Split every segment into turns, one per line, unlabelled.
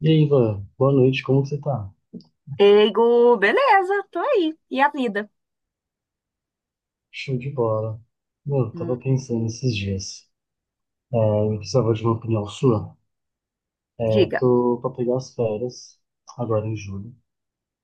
E aí, Ivan, boa noite, como que você tá?
Eigo, beleza, tô aí. E a vida?
Show de bola. Meu, eu
Hum,
tava pensando esses dias, é, eu precisava de uma opinião sua. É,
diga,
tô pra pegar as férias, agora em julho,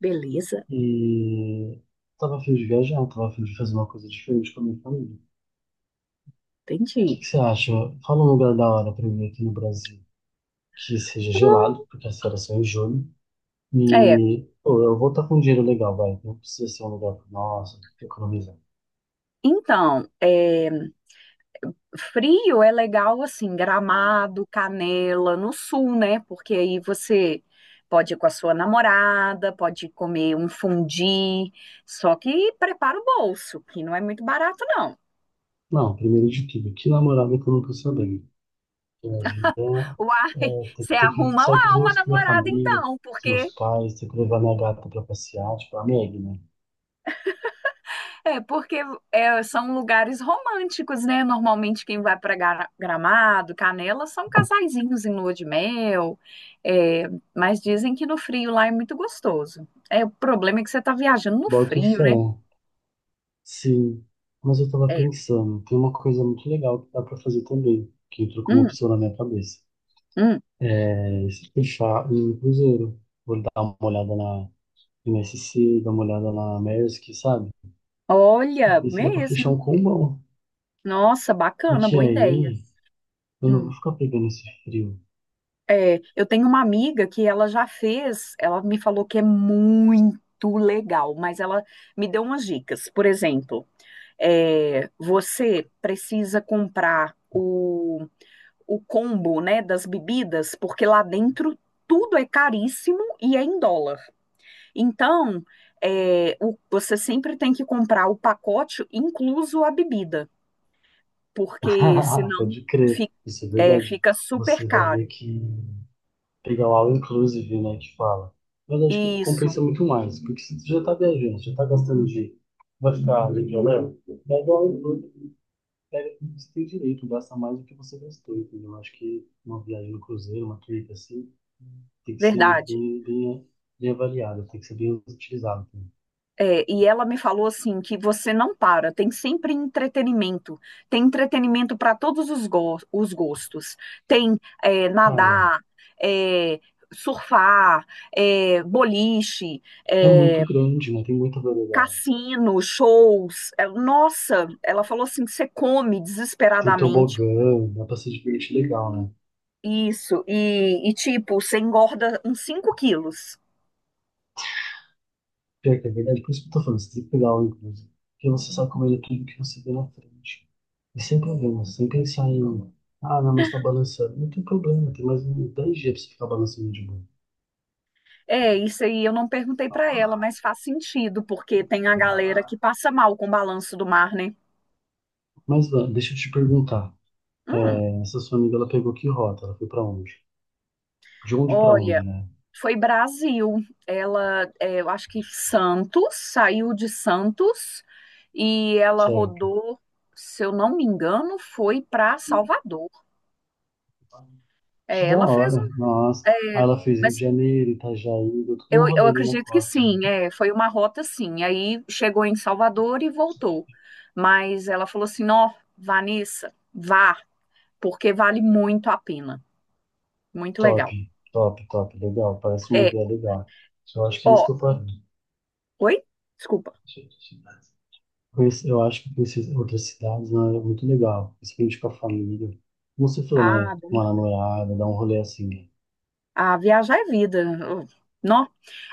beleza,
e tava a fim de viajar, tava a fim de fazer uma coisa diferente com a minha família. O que
entendi.
que você acha? Fala um lugar da hora pra mim aqui no Brasil, que seja gelado,
Hum.
porque as férias são em julho,
É,
e pô, eu vou estar com um dinheiro legal, vai, não precisa ser um lugar, nossa, economizar.
então, é, frio é legal assim, Gramado, Canela, no sul, né? Porque aí você pode ir com a sua namorada, pode comer um fundi, só que prepara o bolso, que não é muito barato, não.
Não, primeiro de tudo, que namorada que eu não tô sabendo. Que a vida
Uai,
é ter,
você
ter que
arruma
sair com
lá uma
minha
namorada
família, com
então,
os
porque
meus pais, ter que levar minha gata pra passear, tipo, a Meg, né?
É, porque é, são lugares românticos, né? Normalmente quem vai para Gramado, Canela, são casaizinhos em lua de mel, é, mas dizem que no frio lá é muito gostoso. É, o problema é que você está viajando no
Boto
frio,
fé,
né?
sim. Mas eu tava
É.
pensando, tem uma coisa muito legal que dá pra fazer também, que entrou como
Hum,
opção na minha cabeça.
hum.
É se fechar um cruzeiro. Vou dar uma olhada na MSC, dar uma olhada na Maersk, sabe? E
Olha,
ver se dá pra fechar
mesmo.
um combão.
Nossa, bacana,
Porque
boa ideia.
aí eu não vou
Hum.
ficar pegando esse frio.
É, eu tenho uma amiga que ela já fez, ela me falou que é muito legal, mas ela me deu umas dicas. Por exemplo, você precisa comprar o combo, né, das bebidas, porque lá dentro tudo é caríssimo e é em dólar. Então, você sempre tem que comprar o pacote, incluso a bebida, porque senão
Pode crer,
fi-
isso é verdade.
fica super
Você vai ver
caro.
que pegar o all inclusive, né, que fala. Mas acho que
Isso,
compensa muito mais, porque se tu já tá viajando, já tá gastando dinheiro, vai ficar legal mesmo, pega o all inclusive, pega tudo que você tem direito, gasta mais do que você gastou, entendeu? Acho que uma viagem no cruzeiro, uma trip assim, tem que ser
verdade.
bem, bem, né, bem avaliada, tem que ser bem utilizada também.
É, e ela me falou assim que você não para, tem sempre entretenimento, tem entretenimento para todos os, os gostos, tem
Cara,
nadar, é, surfar, boliche,
é muito
é,
grande, né? Tem muita variedade.
cassino, shows. É, nossa, ela falou assim que você come
Tem
desesperadamente
tobogã, dá pra se divertir legal, né?
isso e tipo você engorda uns 5 quilos.
Pior que é verdade, por isso que eu tô falando, você tem que pegar algo, inclusive. Porque você sabe comer tudo que você vê na frente. E sem problema, sem pensar em, ah, não, mas tá balançando. Não tem problema, tem mais uns 10 dias pra você ficar balançando de boa.
É, isso aí eu não perguntei
Vá
pra
pra
ela,
lá,
mas faz sentido, porque tem a
vá
galera que
lá.
passa mal com o balanço do mar, né?
Mas Van, deixa eu te perguntar.
Hum,
Essa sua amiga, ela pegou que rota? Ela foi pra onde? De onde pra onde,
olha,
né?
foi Brasil. Ela, é, eu acho que Santos, saiu de Santos e ela
Certo.
rodou, se eu não me engano, foi pra Salvador.
Que
É,
da
ela fez
hora,
um.
nossa.
É,
Aí ela fez Rio de
mas
Janeiro, Itajaí, deu tudo
eu,
um
eu
rolê ali na
acredito que
costa, né?
sim, é, foi uma rota sim. Aí chegou em Salvador e voltou. Mas ela falou assim: ó, Vanessa, vá, porque vale muito a pena. Muito
Top,
legal.
top, top, legal. Parece uma
É,
ideia legal. Eu acho que é isso
ó,
que eu faço.
oi? Desculpa.
Eu acho que conhecer outras cidades, né, é muito legal, principalmente com a família. Como você falou, né?
Ah,
Uma namorada, dar um rolê assim, né?
a viajar é vida. Nó.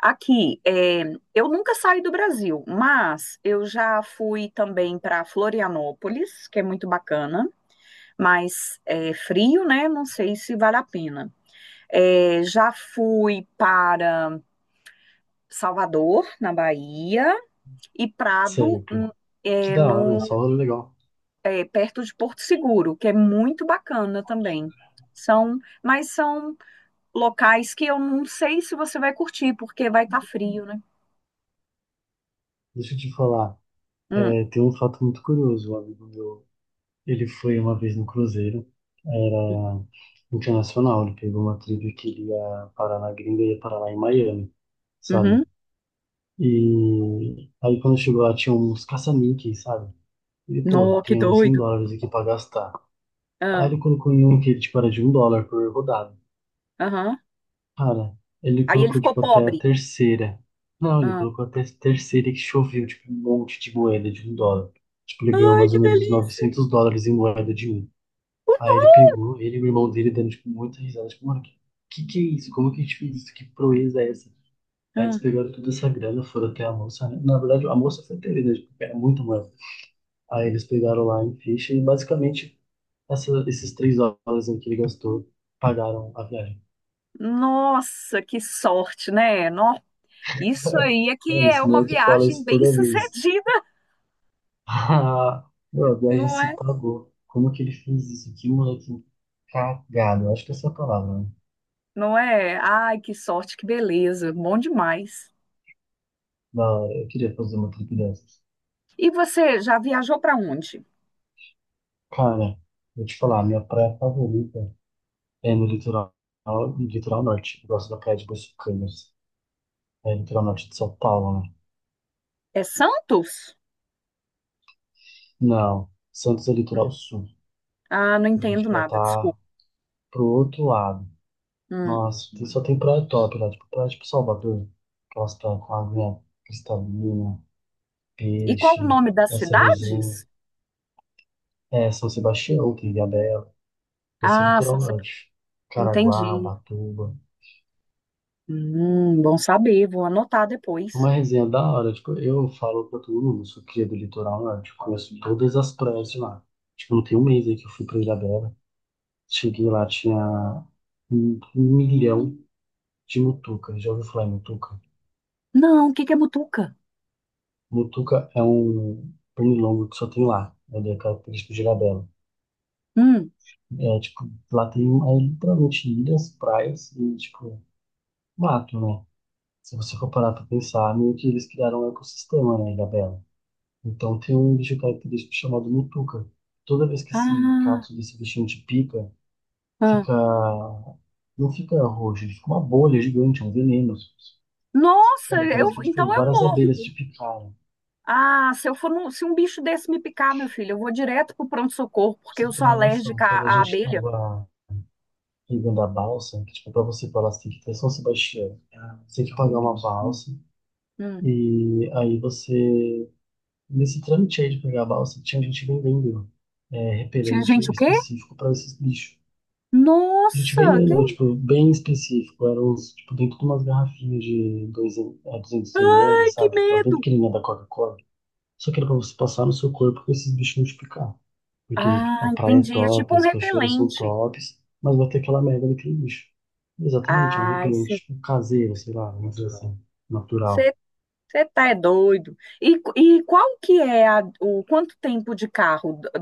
Aqui, é, eu nunca saí do Brasil, mas eu já fui também para Florianópolis, que é muito bacana, mas é frio, né? Não sei se vale a pena. É, já fui para Salvador, na Bahia, e Prado,
Certo? Que
é,
da hora, né?
no
Só rolê legal.
é, perto de Porto Seguro, que é muito bacana também. São, mas são locais que eu não sei se você vai curtir, porque vai estar frio, né?
Deixa eu te falar,
Hum,
tem um fato muito curioso. Um amigo meu, ele foi uma vez no cruzeiro ah, internacional, ele pegou uma trip que ele ia parar na gringa e ia parar lá em Miami,
uhum.
sabe? E aí quando chegou lá tinha uns caça-níqueis, sabe? E pô,
No, que
tenho 100
doido.
dólares aqui pra gastar. Aí
Ah,
ele colocou em um que, tipo, era de $1 por rodada.
aham.
Cara, ele
Aí ele
colocou,
ficou
tipo, até a
pobre.
terceira. Não, ele
Ah.
colocou até a terceira que choveu, tipo, um monte de moeda de $1. Tipo, ele ganhou
Ai,
mais
que
ou menos uns
delícia.
$900 em moeda de um. Aí ele pegou, ele e o irmão dele dando, tipo, muita risada. Tipo, mano, que é isso? Como que a gente fez isso? Que proeza é essa? Aí eles
Ah,
pegaram toda essa grana, foram até a moça, né? Na verdade, a moça foi ter, né? Tipo, era muita moeda. Aí eles pegaram lá em ficha e, basicamente, esses 3 horas aí que ele gastou pagaram a viagem.
nossa, que sorte, né? Isso aí é que
Mano,
é
esse
uma
moleque fala
viagem
isso toda vez.
bem-sucedida,
Ah, meu, a viagem
não
se
é?
pagou. Como que ele fez isso? Que moleque cagado. Eu acho que essa é a palavra, né?
Não é? Ai, que sorte, que beleza, bom demais.
Da hora. Eu queria fazer uma trip dessas.
E você já viajou para onde?
Cara, vou te falar, minha praia favorita é no litoral, no litoral norte. Eu gosto da praia de Boiçucanas. É litoral norte de São Paulo, né?
É Santos?
Não, Santos é
Hum.
litoral sul.
Ah, não
A
entendo
gente já
nada,
tá
desculpa.
pro outro lado.
Hum.
Nossa, só tem praia top lá, tipo, praia tipo Salvador, aquelas praias com água cristalina,
E qual o
peixe,
nome das
essa resenha.
cidades?
São Sebastião, tem Ilhabela, esse é o
Ah,
litoral
são.
norte. Caraguá,
Entendi.
Ubatuba.
Bom saber, vou anotar depois.
Uma resenha da hora, tipo, eu falo pra todo mundo, eu sou cria do litoral norte, conheço todas as praias de lá. Tipo, não tem um mês aí que eu fui pra Ilhabela, cheguei lá, tinha um milhão de mutucas, já ouviu falar em mutuca?
Não, o que que é Mutuca?
Mutuca é um pernilongo que só tem lá, né? Ele é característico de Ilhabela.
Hum.
É, tipo, lá tem literalmente ilhas, praias e, tipo, mato, né? Se você for parar pra pensar, meio que eles criaram um ecossistema, né, Ilhabela. Então tem um bicho característico chamado Mutuca. Toda vez que esse
Ah,
cato desse bichinho te pica,
ah.
fica... Não fica roxo, ele fica uma bolha gigante, é um veneno.
Nossa,
Sabe,
eu,
parece que,
então
tipo,
eu
várias
morro.
abelhas te picaram. Pra
Ah, se eu for se um bicho desse me picar, meu filho, eu vou direto pro pronto-socorro, porque
você
eu
ter
sou
uma noção,
alérgica
quando a
à
gente
abelha.
tava vivendo a balsa, que, tipo, pra você falar assim, que tem São Sebastião, você tem que pagar uma balsa,
Hum.
e aí você, nesse trâmite aí de pegar a balsa, tinha gente vendendo
Tinha
repelente
gente o quê?
específico para esses bichos. A gente
Nossa, que,
vendendo, tipo, bem específico, eram uns, tipo, dentro de umas garrafinhas de 200
ai,
ml,
que
sabe? Aquelas bem
medo.
pequenininhas da Coca-Cola. Só que era pra você passar no seu corpo com esses bichos multiplicar. Porque
Ah,
a praia é
entendi. É
top,
tipo um
as cachoeiras são
repelente.
tops, mas vai ter aquela merda daquele bicho. Exatamente, é um
Ai,
repelente tipo, caseiro, sei lá, vamos dizer assim,
você
natural.
tá é doido. E qual que é o quanto tempo de carro do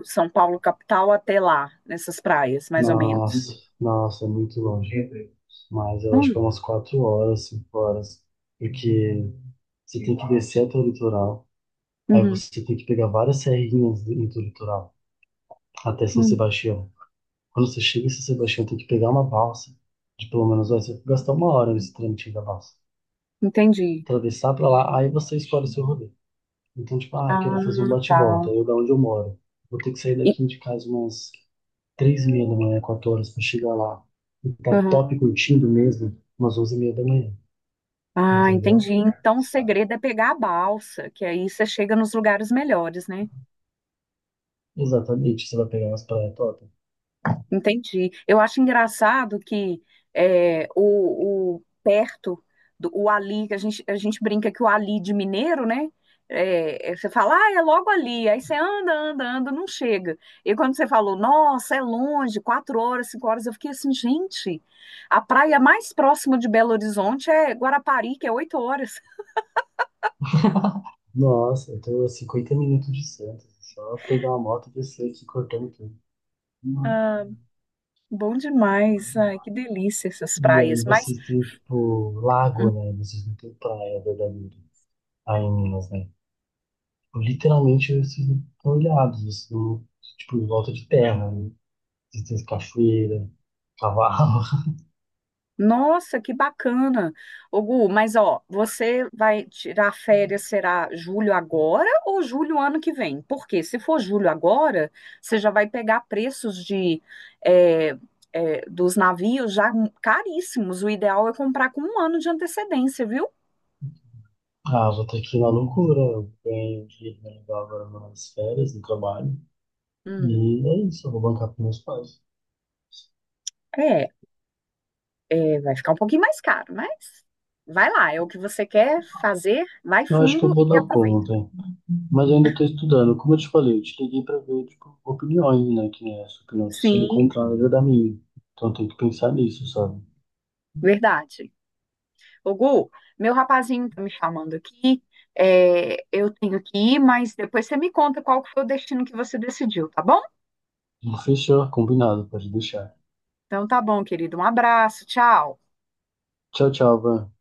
do São Paulo capital até lá, nessas praias, mais ou menos?
Nossa, nossa, é muito longe. Mas eu acho
Hum,
que é umas 4 horas, 5 horas. Porque você tem que descer até o litoral, aí
uhum,
você tem que pegar várias serrinhas dentro do litoral, até São
hum,
Sebastião. Quando você chega em São Sebastião, tem que pegar uma balsa. De pelo menos gastar 1 hora nesse trâmite da balsa.
entendi.
Atravessar pra lá, aí você escolhe o seu rolê. Então, tipo, ah, quero
Ah,
fazer um
tá.
bate-volta. Eu da onde eu moro. Vou ter que sair
E-
daqui de casa umas 3:30 da manhã, 4 horas pra chegar lá. E tá
aham.
top curtindo mesmo, umas 11:30 da manhã.
Ah,
Entendeu?
entendi. Então o segredo é pegar a balsa, que aí você chega nos lugares melhores, né?
Exatamente, você vai pegar umas praias top.
Entendi. Eu acho engraçado que é, o perto do o ali, que a gente brinca que o ali de mineiro, né? Você fala, ah, é logo ali. Aí você anda, anda, anda, não chega. E quando você falou, nossa, é longe, 4 horas, 5 horas, eu fiquei assim, gente, a praia mais próxima de Belo Horizonte é Guarapari, que é 8 horas.
Nossa, eu tô a 50 minutos de Santos. Só pegar uma moto e descer aqui cortando tudo.
Ah, bom demais. Ai, que delícia essas
E aí
praias. Mas
vocês têm, tipo, lago, né? Vocês não têm praia verdadeira aí em Minas, né? Tipo, literalmente vocês não estão ilhados, vocês não, tipo, em volta de terra, né? Vocês têm cachoeira, cavalo.
nossa, que bacana. Ô, Gu, mas ó, você vai tirar férias, será julho agora ou julho ano que vem? Porque se for julho agora, você já vai pegar preços de é, dos navios já caríssimos. O ideal é comprar com um ano de antecedência, viu?
Ah, vou estar aqui na loucura. Eu ganhei um dinheiro legal agora nas férias, no trabalho.
Hum,
E é isso, eu vou bancar com meus pais.
é, vai ficar um pouquinho mais caro, mas vai lá, é o que você quer fazer, vai
Eu acho que eu
fundo
vou
e
dar
aproveita.
conta, mas eu ainda estou estudando. Como eu te falei, eu te liguei para ver, tipo, opiniões, né? Que essa opinião está sendo
Sim,
contrária da minha. Então tem que pensar nisso, sabe?
verdade. Ô, Gu, meu rapazinho tá me chamando aqui. É, eu tenho que ir, mas depois você me conta qual que foi o destino que você decidiu, tá bom?
Fechou, combinado, pode deixar.
Então tá bom, querido. Um abraço, tchau.
Tchau, tchau, Van.